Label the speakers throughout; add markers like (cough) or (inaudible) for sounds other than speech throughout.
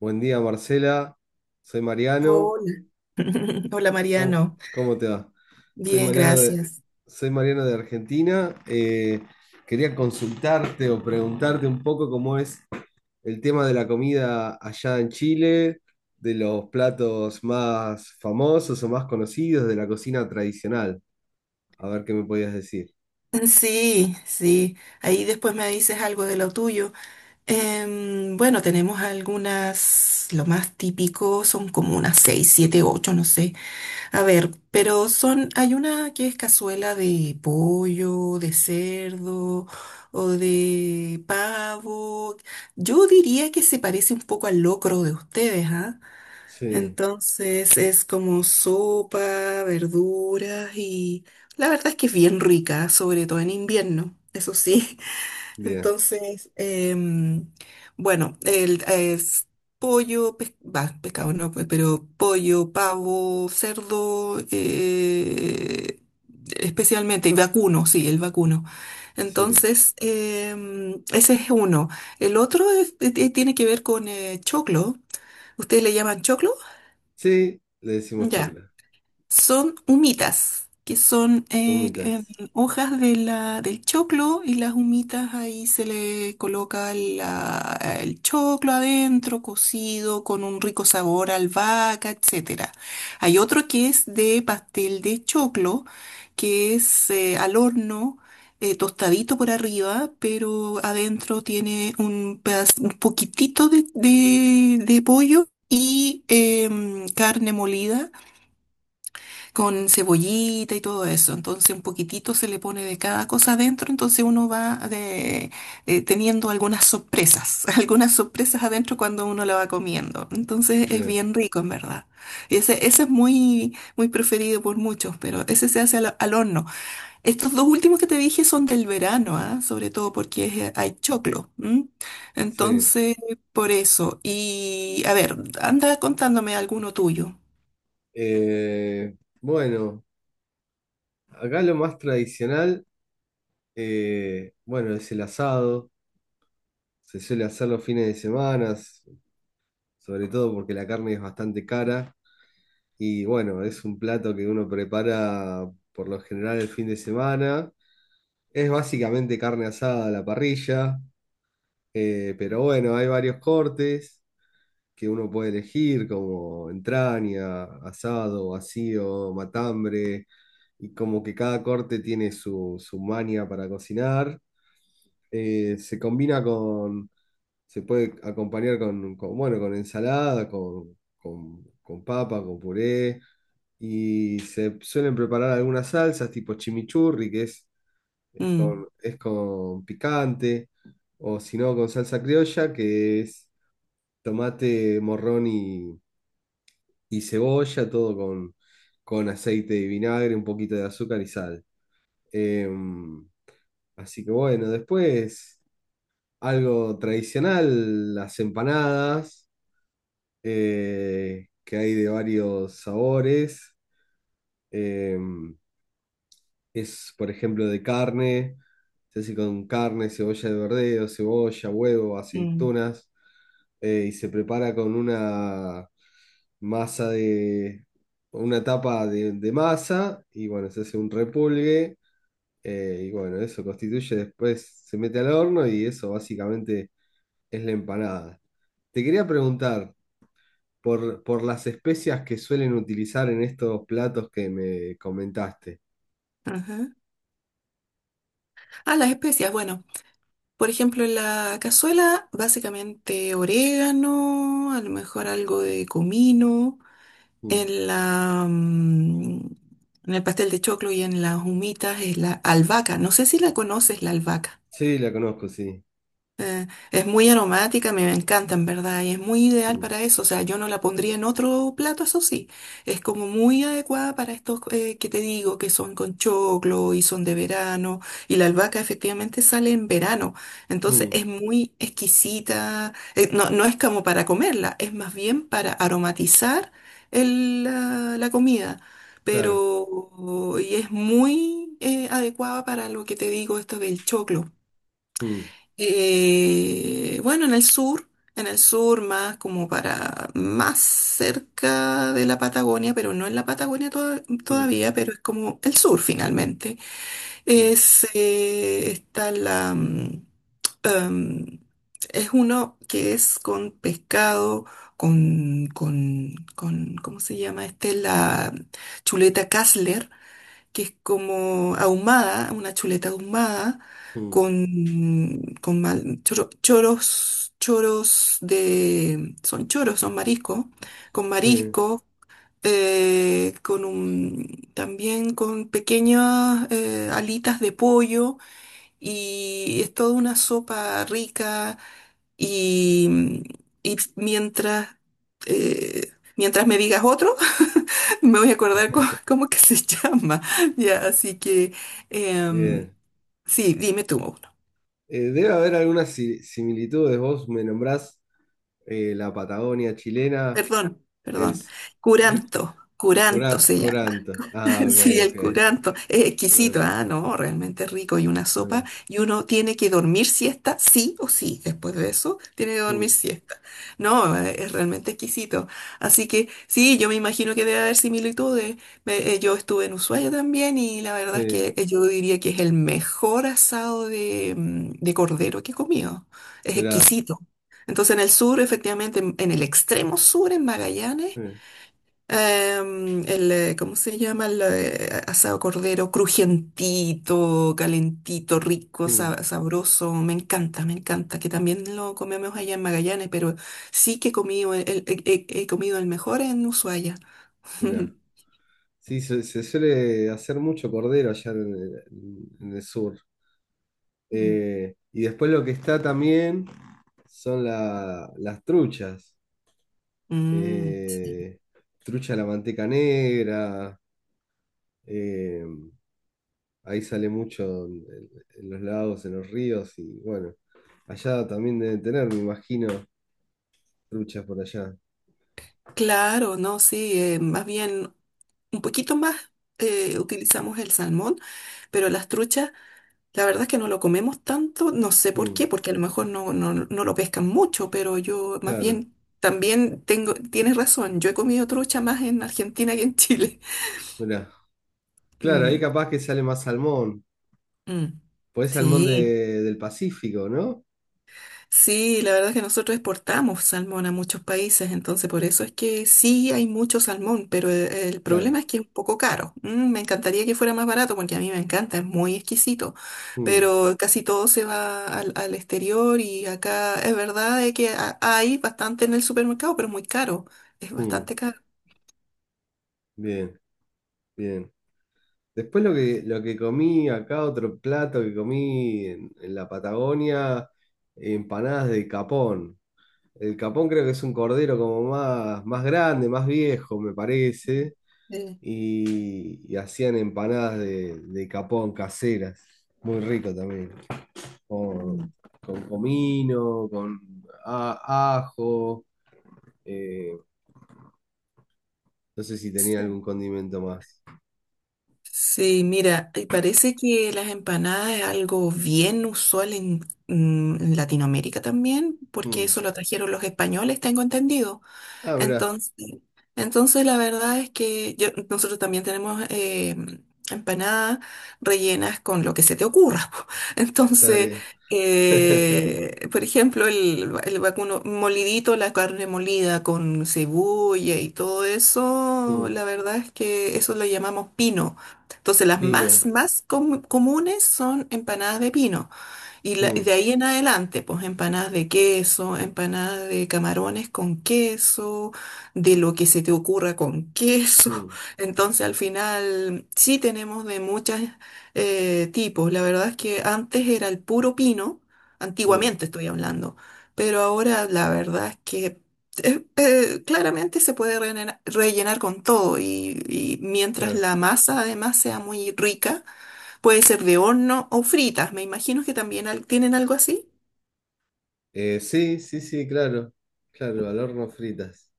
Speaker 1: Buen día, Marcela. Soy Mariano.
Speaker 2: Hola, (laughs) hola
Speaker 1: ¿Cómo,
Speaker 2: Mariano.
Speaker 1: cómo te va? Soy
Speaker 2: Bien,
Speaker 1: Mariano de,
Speaker 2: gracias.
Speaker 1: Soy Mariano de Argentina. Quería consultarte o preguntarte un poco cómo es el tema de la comida allá en Chile, de los platos más famosos o más conocidos de la cocina tradicional. A ver qué me podías decir.
Speaker 2: Sí, sí. Ahí después me dices algo de lo tuyo. Bueno, tenemos algunas, lo más típico son como unas seis, siete, ocho, no sé. A ver, pero son, hay una que es cazuela de pollo, de cerdo o de pavo. Yo diría que se parece un poco al locro de ustedes, ¿ah?
Speaker 1: Sí,
Speaker 2: Entonces es como sopa, verduras y la verdad es que es bien rica, sobre todo en invierno, eso sí. (laughs)
Speaker 1: bien,
Speaker 2: Entonces, em, bueno, es pollo, bah, pescado no, pues, pero pollo, pavo, cerdo, especialmente, y vacuno, sí, el vacuno.
Speaker 1: sí.
Speaker 2: Entonces, ese es uno. El otro tiene que ver con choclo. ¿Ustedes le llaman choclo?
Speaker 1: Sí, le decimos
Speaker 2: Ya.
Speaker 1: chocla.
Speaker 2: Son humitas, que son
Speaker 1: Vomitas.
Speaker 2: hojas de del choclo, y las humitas ahí se le coloca el choclo adentro, cocido, con un rico sabor a albahaca, etcétera. Hay otro que es de pastel de choclo, que es al horno. Tostadito por arriba, pero adentro tiene un, un poquitito de, de pollo y carne molida con cebollita y todo eso. Entonces un poquitito se le pone de cada cosa adentro, entonces uno va teniendo algunas sorpresas, (laughs) algunas sorpresas adentro cuando uno la va comiendo. Entonces es
Speaker 1: Bien,
Speaker 2: bien rico en verdad. Y ese es muy, muy preferido por muchos, pero ese se hace al, al horno. Estos dos últimos que te dije son del verano, ¿ah? Sobre todo porque hay choclo. ¿M?
Speaker 1: sí.
Speaker 2: Entonces, por eso. Y a ver, anda contándome alguno tuyo.
Speaker 1: Eh, bueno, acá lo más tradicional, bueno, es el asado. Se suele hacer los fines de semana, sobre todo porque la carne es bastante cara. Y bueno, es un plato que uno prepara por lo general el fin de semana. Es básicamente carne asada a la parrilla, pero bueno, hay varios cortes que uno puede elegir, como entraña, asado, vacío, matambre. Y como que cada corte tiene su maña para cocinar. eh, se combina con, Se puede acompañar bueno, con ensalada, con papa, con puré, y se suelen preparar algunas salsas tipo chimichurri, es
Speaker 2: Mm,
Speaker 1: es con picante, o si no, con salsa criolla, que es tomate, y cebolla, con aceite y vinagre, un poquito de azúcar y sal. Em, Así que bueno, después algo tradicional, las empanadas, que hay de varios sabores. Eh, por ejemplo, de carne, se hace con carne, cebolla de verdeo, cebolla, huevo,
Speaker 2: mm,
Speaker 1: aceitunas, y se prepara con una masa de, una tapa de masa, y bueno, se hace un repulgue y bueno, eso constituye después, se mete al horno y eso básicamente es la empanada. Te quería preguntar por las especias que suelen utilizar en estos platos que me comentaste.
Speaker 2: ajá. Ah, las especias, bueno. Por ejemplo, en la cazuela, básicamente orégano, a lo mejor algo de comino.
Speaker 1: Mm.
Speaker 2: En la, mm, en el pastel de choclo y en las humitas es la albahaca. No sé si la conoces, la albahaca.
Speaker 1: Sí, la conozco, sí.
Speaker 2: Es muy aromática, me encanta en verdad, y es muy ideal
Speaker 1: Mm.
Speaker 2: para eso. O sea, yo no la pondría en otro plato, eso sí. Es como muy adecuada para estos que te digo, que son con choclo y son de verano. Y la albahaca efectivamente sale en verano. Entonces
Speaker 1: Mm.
Speaker 2: es muy exquisita. No, no es como para comerla, es más bien para aromatizar la comida.
Speaker 1: Claro.
Speaker 2: Pero y es muy adecuada para lo que te digo, esto del choclo.
Speaker 1: Mm.
Speaker 2: Bueno, en el sur más como para más cerca de la Patagonia, pero no en la Patagonia
Speaker 1: Mm.
Speaker 2: todavía, pero es como el sur finalmente.
Speaker 1: Mm.
Speaker 2: Es, está la, mm, em, Es uno que es con pescado, con, ¿cómo se llama este? La chuleta Kassler, que es como ahumada, una chuleta ahumada,
Speaker 1: Mm.
Speaker 2: con choros, choros de, son choros, son mariscos, con
Speaker 1: Sí,
Speaker 2: marisco, con un, también con pequeñas alitas de pollo, y es toda una sopa rica y, y mientras, mientras me digas otro, (laughs) me voy a acordar (laughs) cómo, que se llama. (laughs) Ya, así que em,
Speaker 1: bien.
Speaker 2: sí, dime tú uno.
Speaker 1: Debe haber algunas similitudes. Vos me nombrás la Patagonia chilena,
Speaker 2: Perdón,
Speaker 1: el...
Speaker 2: perdón.
Speaker 1: s- ¿Eh?
Speaker 2: Curanto, curanto se llama.
Speaker 1: Coranto. Ah,
Speaker 2: (laughs)
Speaker 1: ok,
Speaker 2: Sí, el
Speaker 1: ok.
Speaker 2: curanto es exquisito,
Speaker 1: Coranto.
Speaker 2: ah, no, realmente rico, y una sopa
Speaker 1: Mira,
Speaker 2: y uno tiene que dormir siesta, sí o sí, después de eso tiene que dormir
Speaker 1: mm,
Speaker 2: siesta. No, es realmente exquisito. Así que sí, yo me imagino que debe haber similitudes. Yo estuve en Ushuaia también, y la verdad es
Speaker 1: sí,
Speaker 2: que yo diría que es el mejor asado de, mm, de cordero que he comido. Es
Speaker 1: mira,
Speaker 2: exquisito. Entonces en el sur, efectivamente, en el extremo sur, en Magallanes,
Speaker 1: sí,
Speaker 2: ¿Cómo se llama? El asado cordero, crujientito, calentito, rico,
Speaker 1: mm,
Speaker 2: sabroso. Me encanta, me encanta. Que también lo comemos allá en Magallanes, pero sí que he comido he comido el mejor en Ushuaia.
Speaker 1: mira.
Speaker 2: (laughs)
Speaker 1: Sí, se suele hacer mucho cordero allá en en el sur.
Speaker 2: Mm.
Speaker 1: Y después lo que está también son las truchas.
Speaker 2: Mm, sí.
Speaker 1: Eh, Trucha a la manteca negra. Eh, ahí sale mucho En los lagos, en los ríos. Y bueno, allá también deben tener, me imagino, truchas por allá.
Speaker 2: Claro, no, sí, más bien un poquito más utilizamos el salmón, pero las truchas. La verdad es que no lo comemos tanto, no sé por
Speaker 1: Mm,
Speaker 2: qué, porque a lo mejor no, no, no lo pescan mucho, pero yo más
Speaker 1: claro,
Speaker 2: bien también tengo, tienes razón, yo he comido trucha más en Argentina que en Chile. (laughs)
Speaker 1: mira. Claro, ahí
Speaker 2: Mm,
Speaker 1: capaz que sale más salmón.
Speaker 2: mm.
Speaker 1: Pues salmón
Speaker 2: Sí.
Speaker 1: de- del Pacífico, ¿no?
Speaker 2: Sí, la verdad es que nosotros exportamos salmón a muchos países, entonces por eso es que sí hay mucho salmón, pero el
Speaker 1: Claro.
Speaker 2: problema es que es un poco caro. Mm, me encantaría que fuera más barato porque a mí me encanta, es muy exquisito,
Speaker 1: Mm,
Speaker 2: pero casi todo se va al, al exterior, y acá es verdad de que hay bastante en el supermercado, pero muy caro, es
Speaker 1: mm,
Speaker 2: bastante caro.
Speaker 1: bien, bien. Después lo que comí acá, otro plato que comí en la Patagonia, empanadas de capón. El capón creo que es un cordero como más grande, más viejo, me parece.
Speaker 2: Eh,
Speaker 1: Y hacían empanadas de capón caseras. Muy rico también.
Speaker 2: mm.
Speaker 1: con, con comino, con ajo. eh, no sé si tenía algún condimento más.
Speaker 2: Sí, mira, y parece que las empanadas es algo bien usual en, mm, en Latinoamérica también, porque
Speaker 1: Mm.
Speaker 2: eso lo trajeron los españoles, tengo entendido.
Speaker 1: Ah, mirá,
Speaker 2: Entonces, entonces la verdad es que nosotros también tenemos empanadas rellenas con lo que se te ocurra. (laughs) Po.
Speaker 1: está
Speaker 2: Entonces,
Speaker 1: bien. (laughs)
Speaker 2: por ejemplo, el vacuno molidito, la carne molida con cebolla y todo eso,
Speaker 1: Mm.
Speaker 2: la verdad es que eso lo llamamos pino. Entonces, las más,
Speaker 1: Pino.
Speaker 2: más comunes son empanadas de pino. Y
Speaker 1: Mm,
Speaker 2: de ahí en adelante, pues empanadas de queso, empanadas de camarones con queso, de lo que se te ocurra con queso.
Speaker 1: mm,
Speaker 2: (laughs) Entonces al final sí tenemos de muchos tipos. La verdad es que antes era el puro pino,
Speaker 1: mm,
Speaker 2: antiguamente estoy hablando, pero ahora la verdad es que claramente se puede rellenar, con todo y mientras
Speaker 1: claro.
Speaker 2: la masa además sea muy rica. Puede ser de horno o fritas. Me imagino que también tienen algo así.
Speaker 1: Sí, sí, sí, claro. Claro, al horno fritas.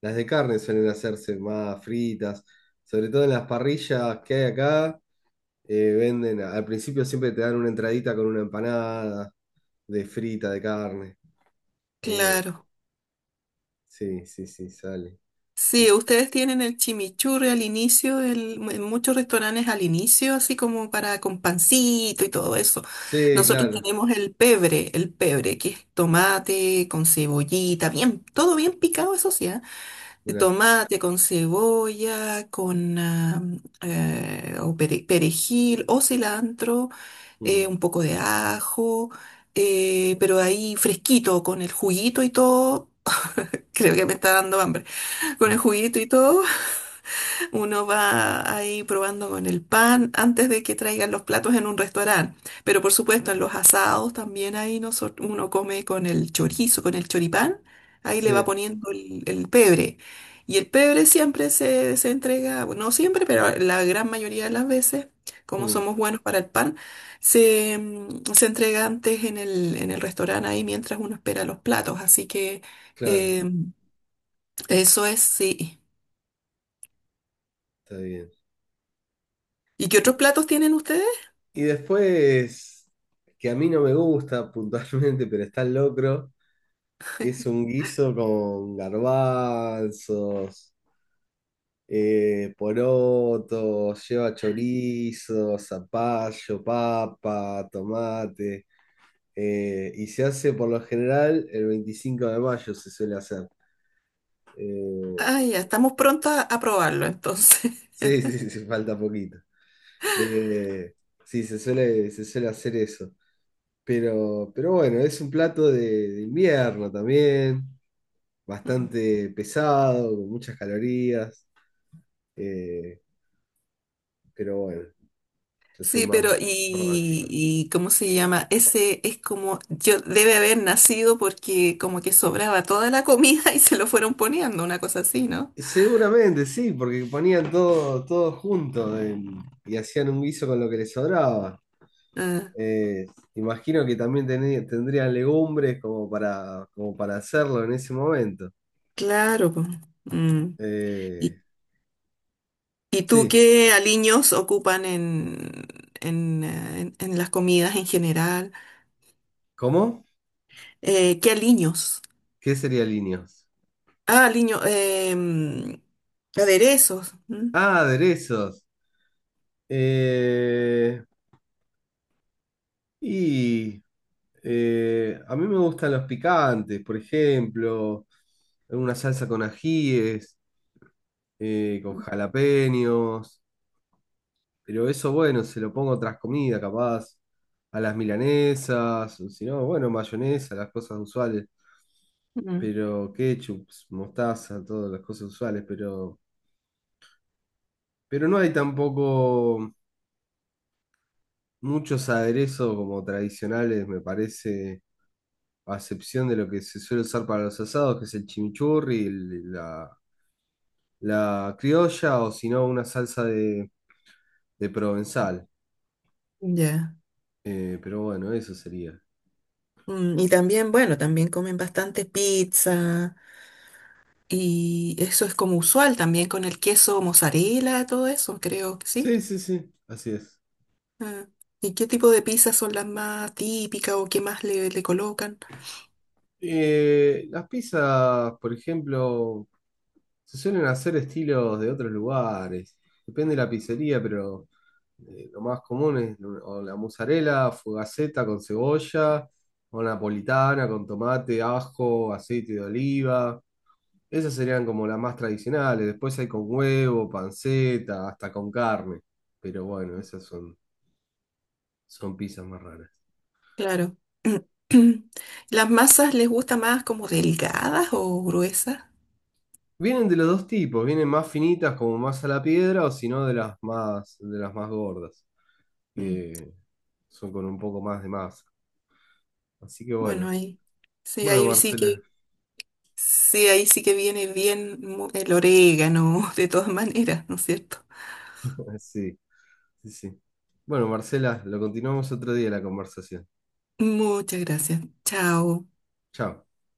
Speaker 1: Las de carne suelen hacerse más fritas. Sobre todo en las parrillas que hay acá. Venden, al principio siempre te dan una entradita con una empanada de frita de carne. Eh,
Speaker 2: Claro.
Speaker 1: Sí, sí, sí, sale.
Speaker 2: Sí,
Speaker 1: Y-
Speaker 2: ustedes tienen el chimichurri al inicio, en muchos restaurantes al inicio, así como para con pancito y todo eso.
Speaker 1: Sí,
Speaker 2: Nosotros
Speaker 1: claro.
Speaker 2: tenemos el pebre, que es tomate con cebollita, bien, todo bien picado, eso sí, ¿ah? De
Speaker 1: Mirá.
Speaker 2: tomate con cebolla, con ah, perejil o cilantro.
Speaker 1: Mm,
Speaker 2: Un poco de ajo, pero ahí fresquito, con el juguito y todo. Creo que me está dando hambre. Con el juguito y todo, uno va ahí probando con el pan antes de que traigan los platos en un restaurante. Pero por supuesto, en
Speaker 1: mm,
Speaker 2: los asados también ahí uno come con el chorizo, con el choripán. Ahí le va
Speaker 1: sí,
Speaker 2: poniendo el pebre. Y el pebre siempre se entrega, bueno, no siempre, pero la gran mayoría de las veces, como
Speaker 1: mm,
Speaker 2: somos buenos para el pan, se entrega antes en en el restaurante ahí mientras uno espera los platos. Así que
Speaker 1: claro.
Speaker 2: eh, eso es, sí.
Speaker 1: Está bien.
Speaker 2: ¿Y qué otros
Speaker 1: Bueno,
Speaker 2: platos tienen ustedes?
Speaker 1: y después, que a mí no me gusta (laughs) puntualmente, pero está el locro, que es un guiso con garbanzos, porotos, lleva chorizo, zapallo, papa, tomate. Y se hace por lo general el 25 de mayo, se suele hacer. Eh,
Speaker 2: Ah, ya, estamos prontos a probarlo entonces. (laughs)
Speaker 1: Sí, sí, sí, (laughs) sí, falta poquito. Eh, sí, se suele hacer eso. Pero bueno, es un plato de invierno también,
Speaker 2: Mm.
Speaker 1: bastante pesado, con muchas calorías. eh, pero bueno, yo soy
Speaker 2: Sí,
Speaker 1: más,
Speaker 2: pero
Speaker 1: más básico.
Speaker 2: y ¿cómo se llama? Ese es como, yo debe haber nacido porque como que sobraba toda la comida (laughs) y se lo fueron poniendo, una cosa así, ¿no?
Speaker 1: Seguramente sí, porque ponían todo junto en- y hacían un guiso con lo que les sobraba.
Speaker 2: Ah,
Speaker 1: Eh, Imagino que también tendrían legumbres como para, como para hacerlo en ese momento.
Speaker 2: claro. Po. Mm. ¿Y,
Speaker 1: Eh,
Speaker 2: y tú
Speaker 1: Sí.
Speaker 2: qué aliños ocupan en, en las comidas en general?
Speaker 1: ¿Cómo?
Speaker 2: ¿Qué aliños?
Speaker 1: ¿Qué sería líneas?
Speaker 2: Ah, aliños, aderezos. Mm.
Speaker 1: Ah, aderezos. Eh, y a mí me gustan los picantes, por ejemplo, una salsa con ajíes, con jalapeños, pero eso, bueno, se lo pongo a otras comidas, capaz, a las milanesas, o si no, bueno, mayonesa, las cosas usuales,
Speaker 2: Mm.
Speaker 1: pero ketchup, mostaza, todas las cosas usuales, pero no hay tampoco. Muchos aderezos como tradicionales, me parece, a excepción de lo que se suele usar para los asados, que es el chimichurri, la criolla o si no una salsa de provenzal.
Speaker 2: Ya.
Speaker 1: Pero bueno, eso sería.
Speaker 2: Mm, y también, bueno, también comen bastante pizza, y eso es como usual también con el queso mozzarella, todo eso, creo que sí.
Speaker 1: Sí, sí, sí, así es.
Speaker 2: Ah, ¿y qué tipo de pizzas son las más típicas o qué más le colocan?
Speaker 1: Las pizzas, por ejemplo, se suelen hacer estilos de otros lugares. Depende de la pizzería, pero lo más común es o la mozzarella, fugaceta con cebolla, o napolitana con tomate, ajo, aceite de oliva. Esas serían como las más tradicionales. Después hay con huevo, panceta, hasta con carne. Pero bueno, son pizzas más raras.
Speaker 2: Claro. (clears throat) ¿Las masas les gusta más como delgadas o gruesas?
Speaker 1: Vienen de los dos tipos, vienen más finitas como más a la piedra o si no de las más, de las más gordas,
Speaker 2: Mm,
Speaker 1: que son con un poco más de masa. Así que
Speaker 2: bueno,
Speaker 1: bueno, bueno
Speaker 2: ahí sí
Speaker 1: Marcela,
Speaker 2: que sí, ahí sí que viene bien el orégano, (laughs) de todas maneras, ¿no es cierto?
Speaker 1: (laughs) sí, sí, sí. Bueno Marcela, lo continuamos otro día la conversación.
Speaker 2: Muchas gracias. Chao.
Speaker 1: Chao.